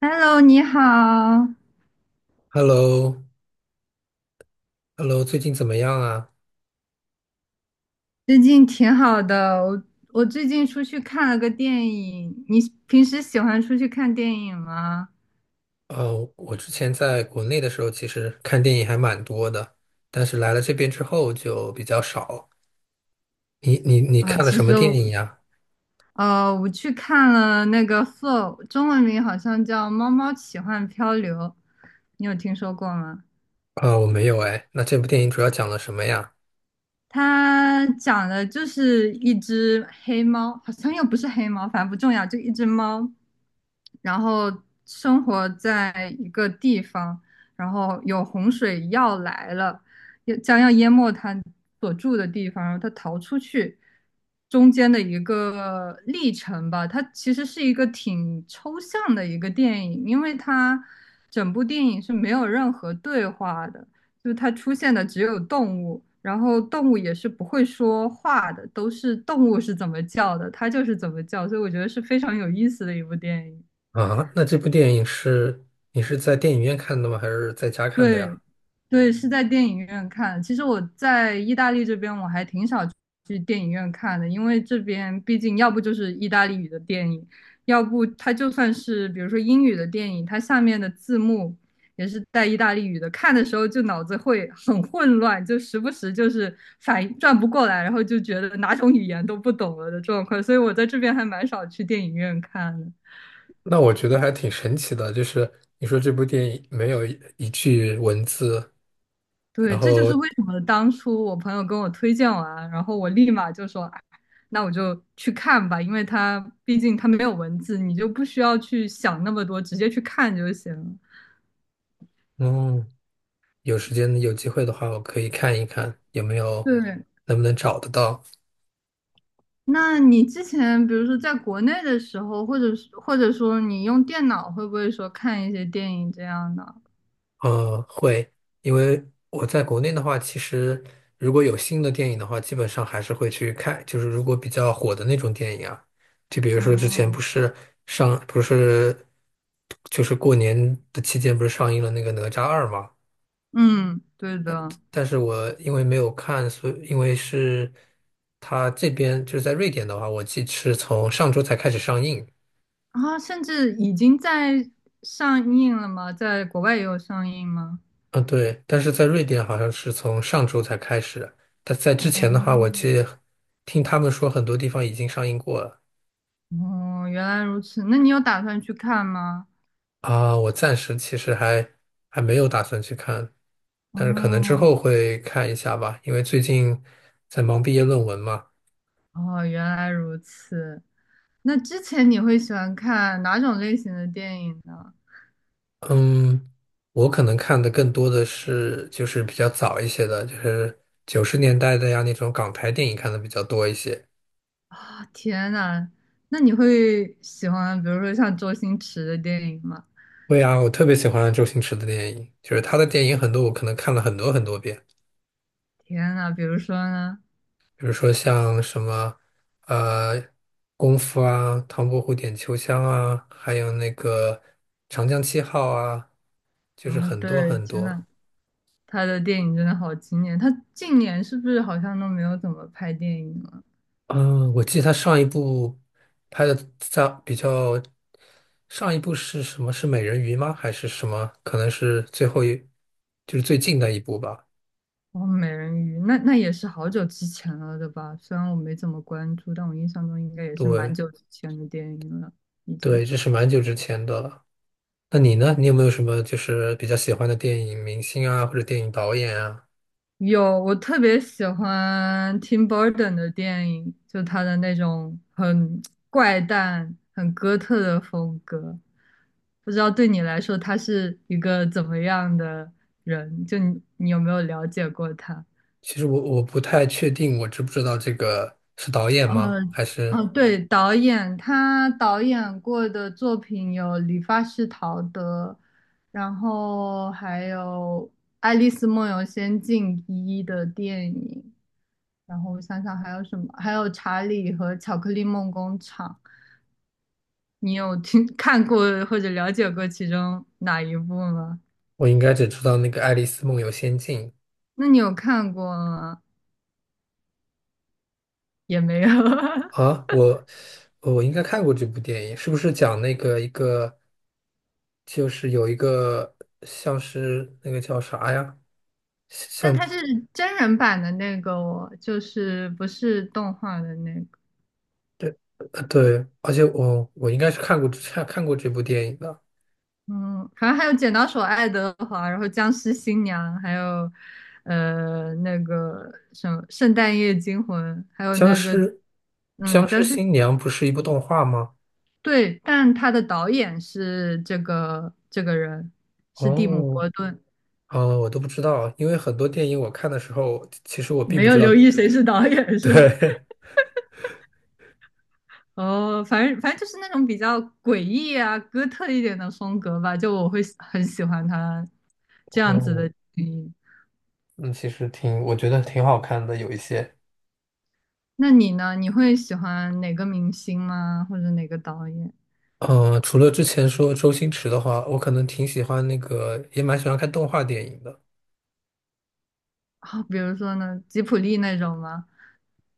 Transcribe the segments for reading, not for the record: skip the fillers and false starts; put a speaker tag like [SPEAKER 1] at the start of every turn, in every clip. [SPEAKER 1] Hello，你好，
[SPEAKER 2] h e l l o h e l l o 最近怎么样啊？
[SPEAKER 1] 最近挺好的。我最近出去看了个电影。你平时喜欢出去看电影吗？
[SPEAKER 2] 我之前在国内的时候，其实看电影还蛮多的，但是来了这边之后就比较少。你
[SPEAKER 1] 啊，
[SPEAKER 2] 看了
[SPEAKER 1] 其
[SPEAKER 2] 什么
[SPEAKER 1] 实
[SPEAKER 2] 电
[SPEAKER 1] 我
[SPEAKER 2] 影呀？
[SPEAKER 1] 我去看了那个《f o u r 中文名好像叫《猫猫奇幻漂流》，你有听说过吗？
[SPEAKER 2] 啊，我没有哎。那这部电影主要讲了什么呀？
[SPEAKER 1] 它讲的就是一只黑猫，好像又不是黑猫，反正不重要，就一只猫，然后生活在一个地方，然后有洪水要来了，要将要淹没他所住的地方，然后他逃出去中间的一个历程吧。它其实是一个挺抽象的一个电影，因为它整部电影是没有任何对话的，就是它出现的只有动物。然后动物也是不会说话的，都是动物是怎么叫的，它就是怎么叫，所以我觉得是非常有意思的一部电影。
[SPEAKER 2] 啊，那这部电影是你是在电影院看的吗？还是在家看的
[SPEAKER 1] 对，
[SPEAKER 2] 呀？
[SPEAKER 1] 对，是在电影院看。其实我在意大利这边，我还挺少去电影院看的，因为这边毕竟要不就是意大利语的电影，要不它就算是比如说英语的电影，它下面的字幕也是带意大利语的，看的时候就脑子会很混乱，就时不时就是反应转不过来，然后就觉得哪种语言都不懂了的状况。所以我在这边还蛮少去电影院看的。
[SPEAKER 2] 那我觉得还挺神奇的，就是你说这部电影没有一句文字，然
[SPEAKER 1] 对，这就是
[SPEAKER 2] 后，
[SPEAKER 1] 为什么当初我朋友跟我推荐完，然后我立马就说，哎，那我就去看吧，因为它毕竟它没有文字，你就不需要去想那么多，直接去看就行了。
[SPEAKER 2] 嗯。有时间有机会的话，我可以看一看有没有
[SPEAKER 1] 对，
[SPEAKER 2] 能不能找得到。
[SPEAKER 1] 那你之前比如说在国内的时候，或者是或者说你用电脑，会不会说看一些电影这样的？
[SPEAKER 2] 嗯，会，因为我在国内的话，其实如果有新的电影的话，基本上还是会去看。就是如果比较火的那种电影啊，就比如说之前
[SPEAKER 1] 哦，
[SPEAKER 2] 不是上，不是就是过年的期间不是上映了那个《哪吒二》嘛？
[SPEAKER 1] 嗯，对的。
[SPEAKER 2] 但是我因为没有看，所以因为是它这边就是在瑞典的话，我记是从上周才开始上映。
[SPEAKER 1] 啊，甚至已经在上映了吗？在国外也有上映吗？
[SPEAKER 2] 嗯，对，但是在瑞典好像是从上周才开始，但在之前的话，我
[SPEAKER 1] 哦，
[SPEAKER 2] 记听他们说很多地方已经上映过了。
[SPEAKER 1] 哦，原来如此。那你有打算去看吗？
[SPEAKER 2] 啊，我暂时其实还还没有打算去看，但是可能之
[SPEAKER 1] 哦，
[SPEAKER 2] 后会看一下吧，因为最近在忙毕业论文嘛。
[SPEAKER 1] 哦，原来如此。那之前你会喜欢看哪种类型的电影呢？
[SPEAKER 2] 嗯，我可能看的更多的是就是比较早一些的，就是90年代的呀那种港台电影看的比较多一些。
[SPEAKER 1] 啊，天呐，那你会喜欢，比如说像周星驰的电影吗？
[SPEAKER 2] 对啊，我特别喜欢周星驰的电影，就是他的电影很多，我可能看了很多很多遍。
[SPEAKER 1] 天呐，比如说呢？
[SPEAKER 2] 比如说像什么呃功夫啊、唐伯虎点秋香啊，还有那个长江七号啊，就是
[SPEAKER 1] 啊，
[SPEAKER 2] 很多
[SPEAKER 1] 对，
[SPEAKER 2] 很
[SPEAKER 1] 真
[SPEAKER 2] 多。
[SPEAKER 1] 的，他的电影真的好经典。他近年是不是好像都没有怎么拍电影了？
[SPEAKER 2] 嗯，我记得他上一部拍的在比较，上一部是什么？是美人鱼吗？还是什么？可能是最后一，就是最近的一部吧。
[SPEAKER 1] 哦，美人鱼，那那也是好久之前了的吧？虽然我没怎么关注，但我印象中应该也是蛮
[SPEAKER 2] 对，
[SPEAKER 1] 久之前的电影了，已
[SPEAKER 2] 对，
[SPEAKER 1] 经。
[SPEAKER 2] 这是蛮久之前的了。那你呢？你有没有什么就是比较喜欢的电影明星啊，或者电影导演啊？
[SPEAKER 1] 有，我特别喜欢 Tim Burton 的电影，就他的那种很怪诞、很哥特的风格。不知道对你来说，他是一个怎么样的人？就你，你有没有了解过他？
[SPEAKER 2] 其实我不太确定，我知不知道这个是导演吗？
[SPEAKER 1] 嗯
[SPEAKER 2] 还是
[SPEAKER 1] 嗯，对，导演，他导演过的作品有《理发师陶德》，然后还有《爱丽丝梦游仙境一》的电影，然后我想想还有什么，还有《查理和巧克力梦工厂》。你有听 看过或者了解过其中哪一部吗？
[SPEAKER 2] 我应该只知道那个《爱丽丝梦游仙境》。
[SPEAKER 1] 那你有看过吗？也没有，
[SPEAKER 2] 啊？我应该看过这部电影，是不是讲那个一个就是有一个像是那个叫啥呀？
[SPEAKER 1] 但它是
[SPEAKER 2] 像
[SPEAKER 1] 真人版的那个哦，就是不是动画的那个。
[SPEAKER 2] 对，呃对，而且我应该是看过看过这部电影的
[SPEAKER 1] 嗯，反正还有《剪刀手爱德华》，然后《僵尸新娘》，还有那个什么《圣诞夜惊魂》，还有
[SPEAKER 2] 《僵
[SPEAKER 1] 那个
[SPEAKER 2] 尸
[SPEAKER 1] 嗯
[SPEAKER 2] 僵尸
[SPEAKER 1] 僵尸
[SPEAKER 2] 新娘》不是一部动画吗？
[SPEAKER 1] 对，但他的导演是这个人是蒂姆·
[SPEAKER 2] 哦，
[SPEAKER 1] 伯顿，
[SPEAKER 2] 呃，我都不知道，因为很多电影我看的时候，其实我并
[SPEAKER 1] 没
[SPEAKER 2] 不
[SPEAKER 1] 有
[SPEAKER 2] 知道。
[SPEAKER 1] 留意谁是导演 是吧？
[SPEAKER 2] 对。
[SPEAKER 1] 哦，反正就是那种比较诡异啊、哥特一点的风格吧，就我会喜很喜欢他这样子
[SPEAKER 2] 哦，
[SPEAKER 1] 的电影。
[SPEAKER 2] 嗯，其实挺，我觉得挺好看的，有一些。
[SPEAKER 1] 那你呢？你会喜欢哪个明星吗？或者哪个导演？
[SPEAKER 2] 嗯、除了之前说周星驰的话，我可能挺喜欢那个，也蛮喜欢看动画电影的。
[SPEAKER 1] 啊、比如说呢，吉卜力那种吗？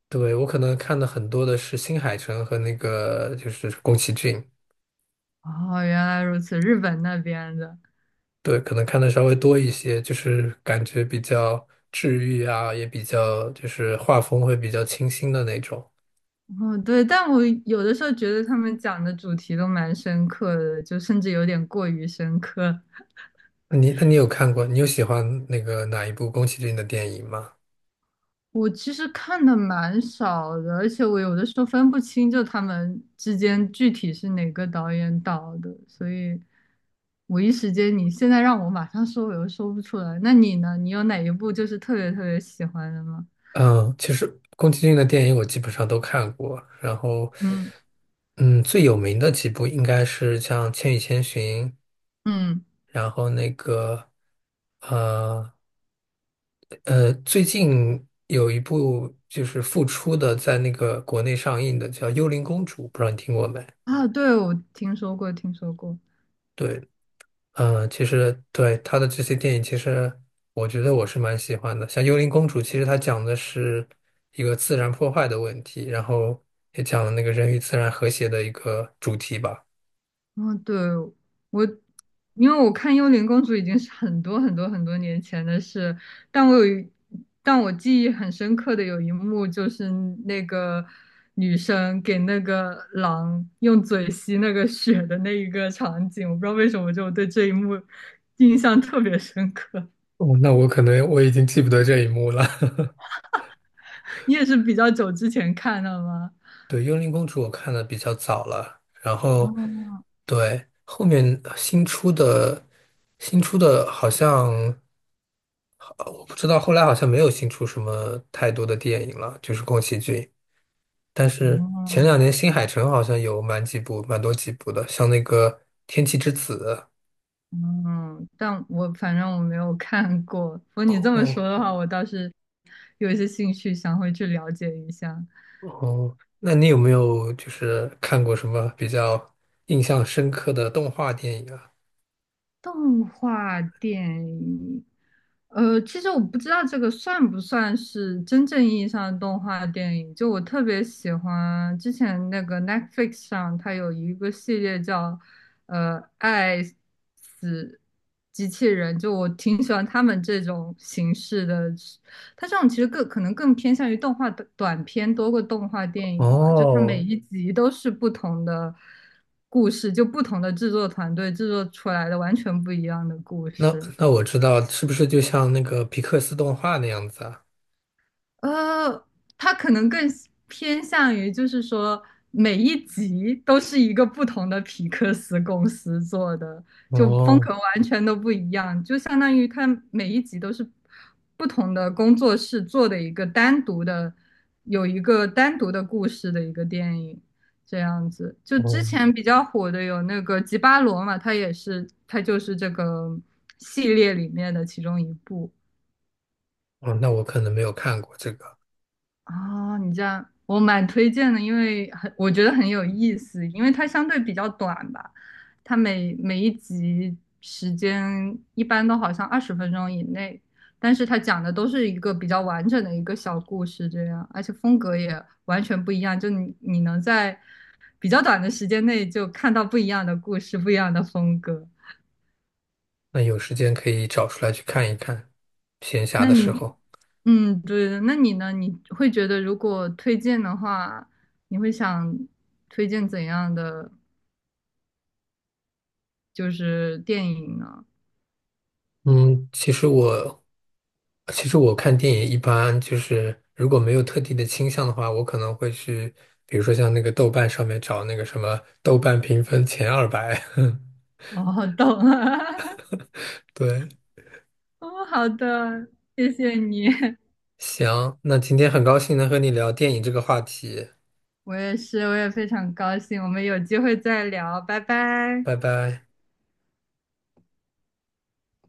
[SPEAKER 2] 对，我可能看的很多的是新海诚和那个就是宫崎骏，
[SPEAKER 1] 哦，原来如此，日本那边的。
[SPEAKER 2] 对，可能看的稍微多一些，就是感觉比较治愈啊，也比较就是画风会比较清新的那种。
[SPEAKER 1] 哦，对，但我有的时候觉得他们讲的主题都蛮深刻的，就甚至有点过于深刻。
[SPEAKER 2] 你那你有看过？你有喜欢那个哪一部宫崎骏的电影吗？
[SPEAKER 1] 我其实看的蛮少的，而且我有的时候分不清就他们之间具体是哪个导演导的，所以我一时间你现在让我马上说，我又说不出来。那你呢？你有哪一部就是特别特别喜欢的吗？
[SPEAKER 2] 嗯，其实宫崎骏的电影我基本上都看过，然后，
[SPEAKER 1] 嗯
[SPEAKER 2] 嗯，最有名的几部应该是像《千与千寻》，
[SPEAKER 1] 嗯
[SPEAKER 2] 然后那个，呃最近有一部就是复出的，在那个国内上映的叫《幽灵公主》，不知道你听过没？
[SPEAKER 1] 啊，对，我听说过，听说过。
[SPEAKER 2] 对，嗯，其实对他的这些电影，其实我觉得我是蛮喜欢的。像《幽灵公主》，其实它讲的是一个自然破坏的问题，然后也讲了那个人与自然和谐的一个主题吧。
[SPEAKER 1] 嗯，对，我，因为我看《幽灵公主》已经是很多很多很多年前的事，但我有一，但我记忆很深刻的有一幕，就是那个女生给那个狼用嘴吸那个血的那一个场景，我不知道为什么就对这一幕印象特别深刻。
[SPEAKER 2] 哦，那我可能我已经记不得这一幕了。
[SPEAKER 1] 你也是比较久之前看的吗？
[SPEAKER 2] 对，《幽灵公主》我看的比较早了，然后
[SPEAKER 1] 哦，
[SPEAKER 2] 对后面新出的好像好我不知道，后来好像没有新出什么太多的电影了，就是宫崎骏。但是前两
[SPEAKER 1] 哦，
[SPEAKER 2] 年新海诚好像有蛮几部、蛮多几部的，像那个《天气之子》。
[SPEAKER 1] 嗯，但我反正我没有看过。不过你这么
[SPEAKER 2] 哦，
[SPEAKER 1] 说的话，我倒是有一些兴趣，想回去了解一下。
[SPEAKER 2] 哦，那你有没有就是看过什么比较印象深刻的动画电影啊？
[SPEAKER 1] 动画电影，其实我不知道这个算不算是真正意义上的动画电影。就我特别喜欢之前那个 Netflix 上，它有一个系列叫呃《爱死机器人》，就我挺喜欢他们这种形式的。它这种其实更可能更偏向于动画的短片多过动画电影吧，就它每
[SPEAKER 2] 哦，
[SPEAKER 1] 一集都是不同的。故事，就不同的制作团队制作出来的完全不一样的故
[SPEAKER 2] 那
[SPEAKER 1] 事。
[SPEAKER 2] 那我知道，是不是就像那个皮克斯动画那样子啊？
[SPEAKER 1] 呃，它可能更喜偏向于，就是说每一集都是一个不同的皮克斯公司做的，就风
[SPEAKER 2] 哦
[SPEAKER 1] 格完全都不一样，就相当于它每一集都是不同的工作室做的一个单独的，有一个单独的故事的一个电影，这样子。就之
[SPEAKER 2] 哦
[SPEAKER 1] 前比较火的有那个《吉巴罗》嘛，它也是，它就是这个系列里面的其中一部。
[SPEAKER 2] 哦。那我可能没有看过这个，
[SPEAKER 1] 哦，你这样我蛮推荐的，因为很我觉得很有意思，因为它相对比较短吧，它每每一集时间一般都好像20分钟以内，但是它讲的都是一个比较完整的一个小故事这样，而且风格也完全不一样，就你你能在比较短的时间内就看到不一样的故事，不一样的风格。
[SPEAKER 2] 那有时间可以找出来去看一看，闲暇
[SPEAKER 1] 那
[SPEAKER 2] 的时
[SPEAKER 1] 你，
[SPEAKER 2] 候。
[SPEAKER 1] 嗯，对的，那你呢？你会觉得如果推荐的话，你会想推荐怎样的就是电影呢？
[SPEAKER 2] 嗯，其实我其实我看电影一般就是如果没有特定的倾向的话，我可能会去，比如说像那个豆瓣上面找那个什么豆瓣评分前200。
[SPEAKER 1] 哦，懂了，
[SPEAKER 2] 对，
[SPEAKER 1] 哦，好的，谢谢你，
[SPEAKER 2] 行，那今天很高兴能和你聊电影这个话题，
[SPEAKER 1] 我也是，我也非常高兴，我们有机会再聊，拜拜。
[SPEAKER 2] 拜拜。